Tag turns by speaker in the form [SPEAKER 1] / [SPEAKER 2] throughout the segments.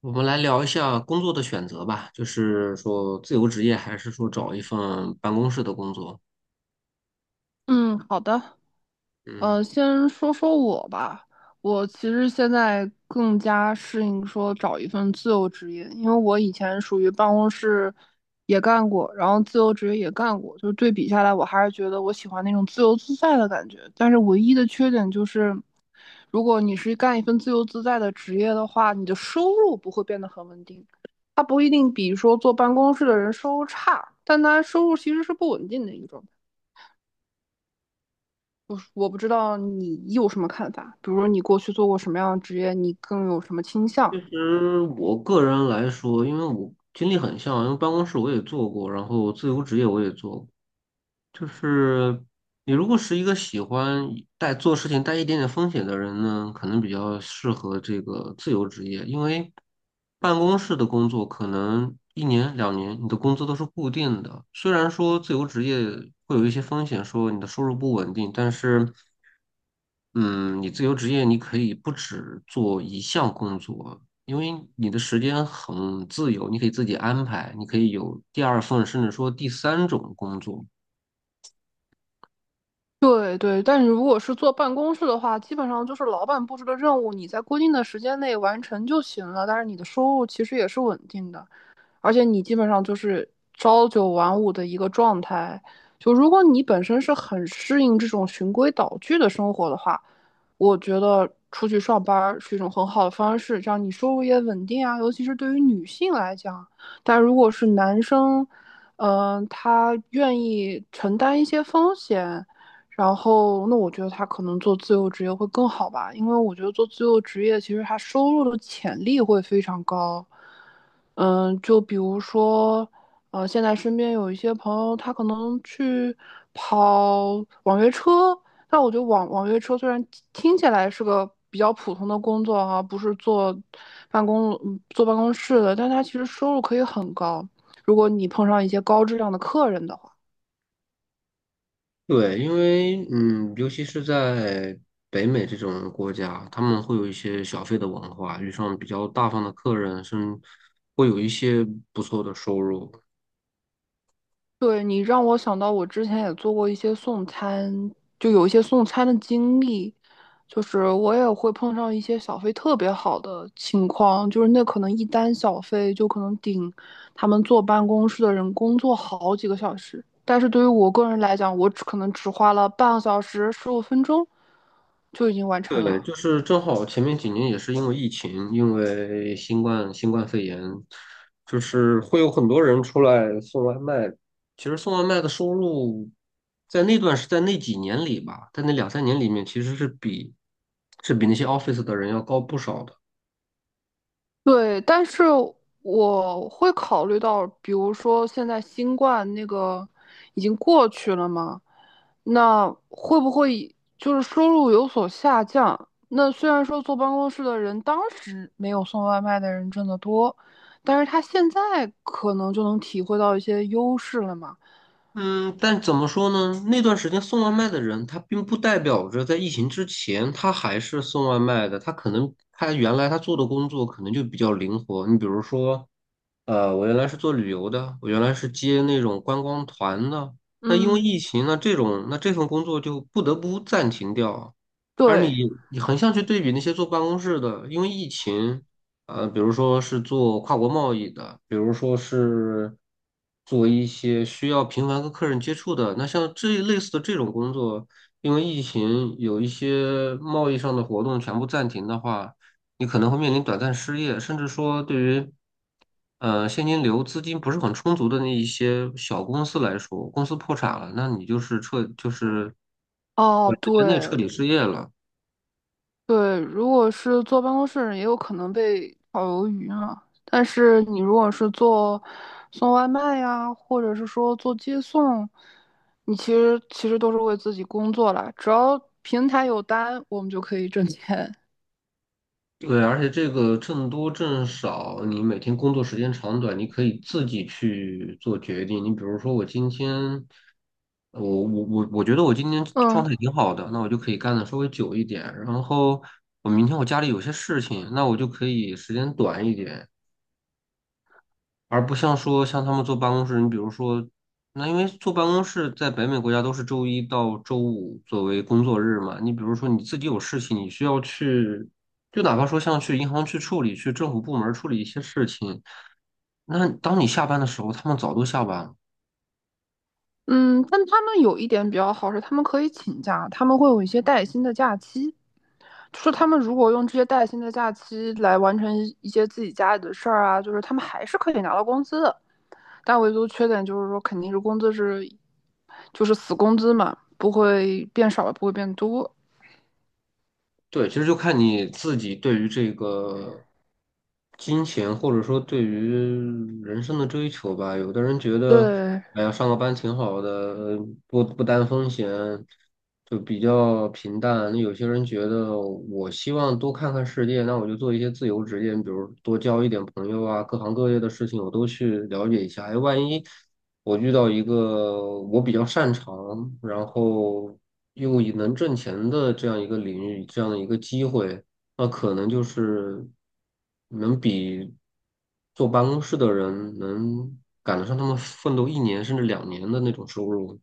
[SPEAKER 1] 我们来聊一下工作的选择吧，就是说自由职业还是说找一份办公室的工作？
[SPEAKER 2] 嗯，好的。
[SPEAKER 1] 嗯，
[SPEAKER 2] 先说说我吧。我其实现在更加适应说找一份自由职业，因为我以前属于办公室也干过，然后自由职业也干过，就是对比下来，我还是觉得我喜欢那种自由自在的感觉。但是唯一的缺点就是，如果你是干一份自由自在的职业的话，你的收入不会变得很稳定。它不一定比说坐办公室的人收入差，但它收入其实是不稳定的一种。我不知道你有什么看法，比如说你过去做过什么样的职业，你更有什么倾向？
[SPEAKER 1] 其实我个人来说，因为我经历很像，因为办公室我也做过，然后自由职业我也做过。就是你如果是一个喜欢带做事情带一点点风险的人呢，可能比较适合这个自由职业，因为办公室的工作可能一年两年你的工资都是固定的，虽然说自由职业会有一些风险，说你的收入不稳定，但是。嗯，你自由职业，你可以不只做一项工作，因为你的时间很自由，你可以自己安排，你可以有第二份，甚至说第三种工作。
[SPEAKER 2] 对对，但是如果是做办公室的话，基本上就是老板布置的任务，你在规定的时间内完成就行了，但是你的收入其实也是稳定的。而且你基本上就是朝九晚五的一个状态。就如果你本身是很适应这种循规蹈矩的生活的话，我觉得出去上班是一种很好的方式，这样你收入也稳定啊。尤其是对于女性来讲，但如果是男生，他愿意承担一些风险，然后，那我觉得他可能做自由职业会更好吧，因为我觉得做自由职业其实他收入的潜力会非常高。嗯，就比如说，现在身边有一些朋友，他可能去跑网约车，但我觉得网约车虽然听起来是个比较普通的工作哈、不是坐办公室的，但他其实收入可以很高，如果你碰上一些高质量的客人的话。
[SPEAKER 1] 对，因为尤其是在北美这种国家，他们会有一些小费的文化，遇上比较大方的客人，甚至会有一些不错的收入。
[SPEAKER 2] 对，你让我想到我之前也做过一些送餐，就有一些送餐的经历，就是我也会碰上一些小费特别好的情况，就是那可能一单小费就可能顶他们坐办公室的人工作好几个小时，但是对于我个人来讲，我只可能只花了半个小时、十五分钟就已经完成
[SPEAKER 1] 对，
[SPEAKER 2] 了。
[SPEAKER 1] 就是正好前面几年也是因为疫情，因为新冠肺炎，就是会有很多人出来送外卖。其实送外卖的收入，在那几年里吧，在那两三年里面，其实比那些 office 的人要高不少的。
[SPEAKER 2] 对，但是我会考虑到，比如说现在新冠那个已经过去了嘛，那会不会就是收入有所下降？那虽然说坐办公室的人当时没有送外卖的人挣得多，但是他现在可能就能体会到一些优势了嘛。
[SPEAKER 1] 嗯，但怎么说呢？那段时间送外卖的人，他并不代表着在疫情之前他还是送外卖的，他可能他原来他做的工作可能就比较灵活。你比如说。我原来是做旅游的，我原来是接那种观光团的。那因为
[SPEAKER 2] 嗯，
[SPEAKER 1] 疫情那这份工作就不得不暂停掉。而你
[SPEAKER 2] 对，
[SPEAKER 1] 你横向去对比那些做办公室的，因为疫情，比如说是做跨国贸易的，比如说是做一些需要频繁跟客人接触的，那像这一类似的这种工作，因为疫情有一些贸易上的活动全部暂停的话。你可能会面临短暂失业，甚至说对于现金流资金不是很充足的那一些小公司来说，公司破产了，那你就是
[SPEAKER 2] 哦，
[SPEAKER 1] 短时间内彻底
[SPEAKER 2] 对，
[SPEAKER 1] 失业了。
[SPEAKER 2] 对，如果是坐办公室的人也有可能被炒鱿鱼啊。但是你如果是做送外卖呀，或者是说做接送，你其实都是为自己工作啦。只要平台有单，我们就可以挣钱。
[SPEAKER 1] 对，而且这个挣多挣少，你每天工作时间长短，你可以自己去做决定。你比如说，我今天，我觉得我今天状
[SPEAKER 2] 嗯
[SPEAKER 1] 态挺好的，那我就可以干的稍微久一点。然后我明天我家里有些事情，那我就可以时间短一点。而不像说像他们坐办公室，你比如说，那因为坐办公室在北美国家都是周一到周五作为工作日嘛，你比如说你自己有事情，你需要去，就哪怕说像去银行去处理，去政府部门处理一些事情，那当你下班的时候，他们早都下班了。
[SPEAKER 2] 嗯，但他们有一点比较好是，他们可以请假，他们会有一些带薪的假期。就是他们如果用这些带薪的假期来完成一些自己家里的事儿啊，就是他们还是可以拿到工资的。但唯独缺点就是说，肯定是工资是就是死工资嘛，不会变少，不会变多。
[SPEAKER 1] 对，其实就看你自己对于这个金钱，或者说对于人生的追求吧。有的人觉得，
[SPEAKER 2] 对
[SPEAKER 1] 哎呀，上个班挺好的，呃不担风险，就比较平淡。那有些人觉得，我希望多看看世界，那我就做一些自由职业，比如多交一点朋友啊，各行各业的事情我都去了解一下。哎，万一我遇到一个我比较擅长，然后又以能挣钱的这样一个领域，这样的一个机会，那可能就是能比坐办公室的人能赶得上他们奋斗一年甚至两年的那种收入。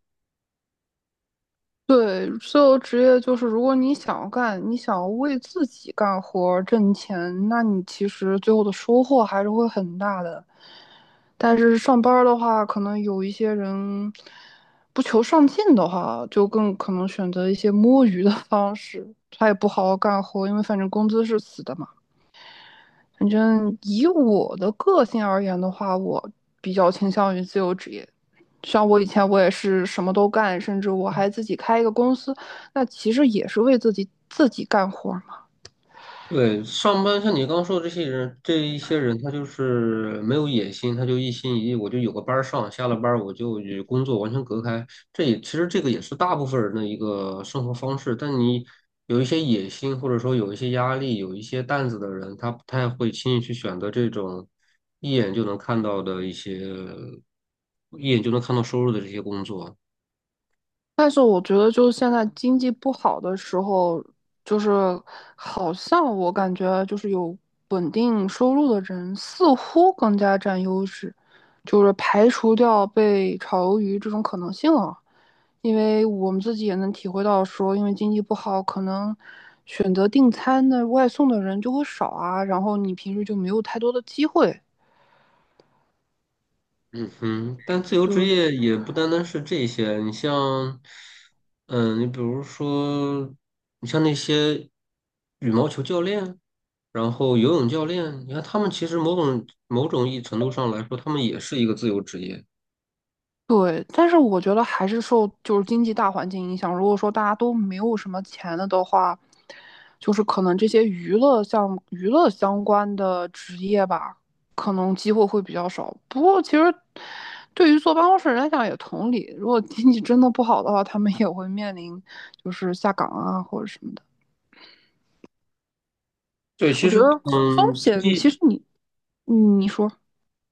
[SPEAKER 2] 对，所有职业就是，如果你想要干，你想要为自己干活挣钱，那你其实最后的收获还是会很大的。但是上班的话，可能有一些人不求上进的话，就更可能选择一些摸鱼的方式，他也不好好干活，因为反正工资是死的嘛。反正以我的个性而言的话，我比较倾向于自由职业。像我以前我也是什么都干，甚至我还自己开一个公司，那其实也是为自己干活，
[SPEAKER 1] 对，上班像你刚说的这些人，这一些人他就是没有野心，他就一心一意，我就有个班儿上，下了班儿我就与工作完全隔开。这也其实这个也是大部分人的一个生活方式。但你有一些野心，或者说有一些压力，有一些担子的人，他不太会轻易去选择这种一眼就能看到的一些，一眼就能看到收入的这些工作。
[SPEAKER 2] 但是我觉得，就是现在经济不好的时候，就是好像我感觉就是有稳定收入的人似乎更加占优势，就是排除掉被炒鱿鱼这种可能性了。因为我们自己也能体会到说，因为经济不好，可能选择订餐的外送的人就会少啊，然后你平时就没有太多的机会。
[SPEAKER 1] 嗯哼，但自由职
[SPEAKER 2] 对，
[SPEAKER 1] 业也不单单是这些，你像，你比如说，你像那些羽毛球教练，然后游泳教练，你看他们其实某种意义程度上来说，他们也是一个自由职业。
[SPEAKER 2] 对，但是我觉得还是受就是经济大环境影响。如果说大家都没有什么钱了的话，就是可能这些娱乐相关的职业吧，可能机会会比较少。不过其实对于坐办公室人来讲也同理，如果经济真的不好的话，他们也会面临就是下岗啊或者什么的。
[SPEAKER 1] 对，
[SPEAKER 2] 我
[SPEAKER 1] 其
[SPEAKER 2] 觉
[SPEAKER 1] 实，
[SPEAKER 2] 得风
[SPEAKER 1] 经
[SPEAKER 2] 险其
[SPEAKER 1] 济
[SPEAKER 2] 实你，嗯，你说。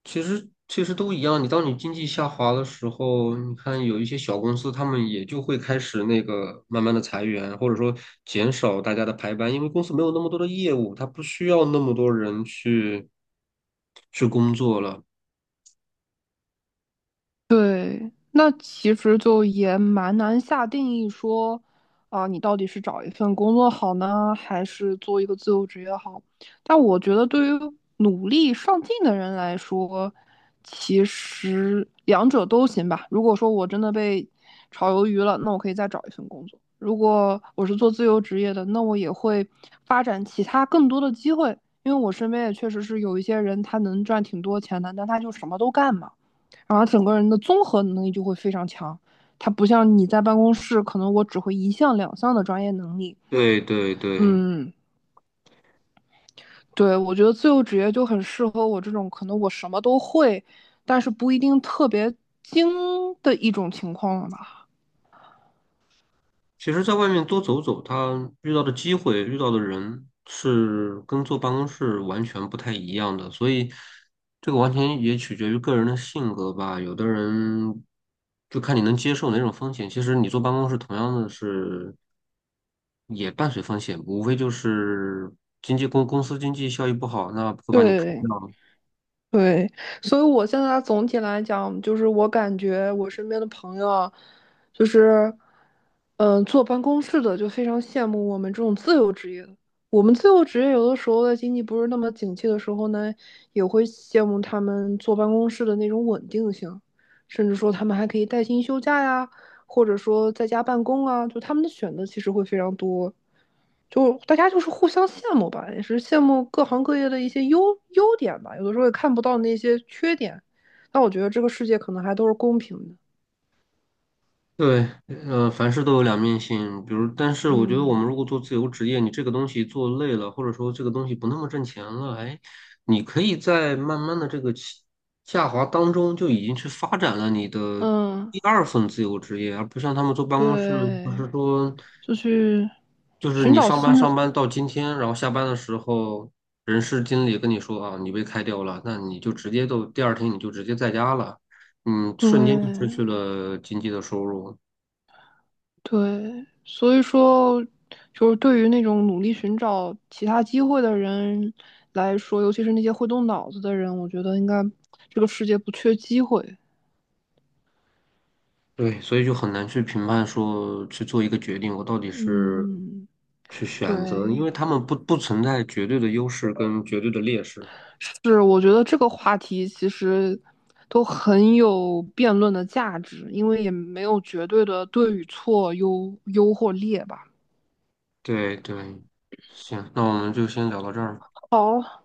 [SPEAKER 1] 其实都一样，你当你经济下滑的时候，你看有一些小公司，他们也就会开始那个慢慢的裁员，或者说减少大家的排班，因为公司没有那么多的业务，他不需要那么多人去工作了。
[SPEAKER 2] 对，那其实就也蛮难下定义说，你到底是找一份工作好呢，还是做一个自由职业好？但我觉得，对于努力上进的人来说，其实两者都行吧。如果说我真的被炒鱿鱼了，那我可以再找一份工作；如果我是做自由职业的，那我也会发展其他更多的机会。因为我身边也确实是有一些人，他能赚挺多钱的，但他就什么都干嘛。然后整个人的综合能力就会非常强。他不像你在办公室，可能我只会一项两项的专业能力。
[SPEAKER 1] 对对对，
[SPEAKER 2] 嗯，对，我觉得自由职业就很适合我这种可能我什么都会，但是不一定特别精的一种情况了吧。
[SPEAKER 1] 其实，在外面多走走，他遇到的机会、遇到的人是跟坐办公室完全不太一样的，所以这个完全也取决于个人的性格吧。有的人就看你能接受哪种风险。其实你坐办公室同样的是也伴随风险，无非就是经济公司经济效益不好，那会把你开掉；
[SPEAKER 2] 对，对，所以我现在总体来讲，就是我感觉我身边的朋友啊就是，坐办公室的就非常羡慕我们这种自由职业的。我们自由职业有的时候在经济不是那么景气的时候呢，也会羡慕他们坐办公室的那种稳定性，甚至说他们还可以带薪休假呀，或者说在家办公啊，就他们的选择其实会非常多。就大家就是互相羡慕吧，也是羡慕各行各业的一些优点吧，有的时候也看不到那些缺点。那我觉得这个世界可能还都是公平的。
[SPEAKER 1] 对，凡事都有两面性。比如，但是我觉得我们
[SPEAKER 2] 嗯
[SPEAKER 1] 如果做自由职业，你这个东西做累了，或者说这个东西不那么挣钱了，哎，你可以在慢慢的这个下滑当中就已经去发展了你的
[SPEAKER 2] 嗯，
[SPEAKER 1] 第二份自由职业，而不像他们坐办公室，就
[SPEAKER 2] 对，
[SPEAKER 1] 是说，
[SPEAKER 2] 就去
[SPEAKER 1] 就是
[SPEAKER 2] 寻
[SPEAKER 1] 你
[SPEAKER 2] 找
[SPEAKER 1] 上班
[SPEAKER 2] 新的，
[SPEAKER 1] 上班到今天，然后下班的时候，人事经理跟你说啊，你被开掉了，那你就直接都第二天你就直接在家了，嗯，瞬间就失
[SPEAKER 2] 对。
[SPEAKER 1] 去了经济的收入。
[SPEAKER 2] 对，所以说，就是对于那种努力寻找其他机会的人来说，尤其是那些会动脑子的人，我觉得应该这个世界不缺机会。
[SPEAKER 1] 对，所以就很难去评判说去做一个决定，我到底是
[SPEAKER 2] 嗯，
[SPEAKER 1] 去选择，因
[SPEAKER 2] 对，
[SPEAKER 1] 为他们不存在绝对的优势跟绝对的劣势。
[SPEAKER 2] 是，我觉得这个话题其实都很有辩论的价值，因为也没有绝对的对与错、优或劣吧。
[SPEAKER 1] 对对，行，那我们就先聊到这儿。
[SPEAKER 2] 好，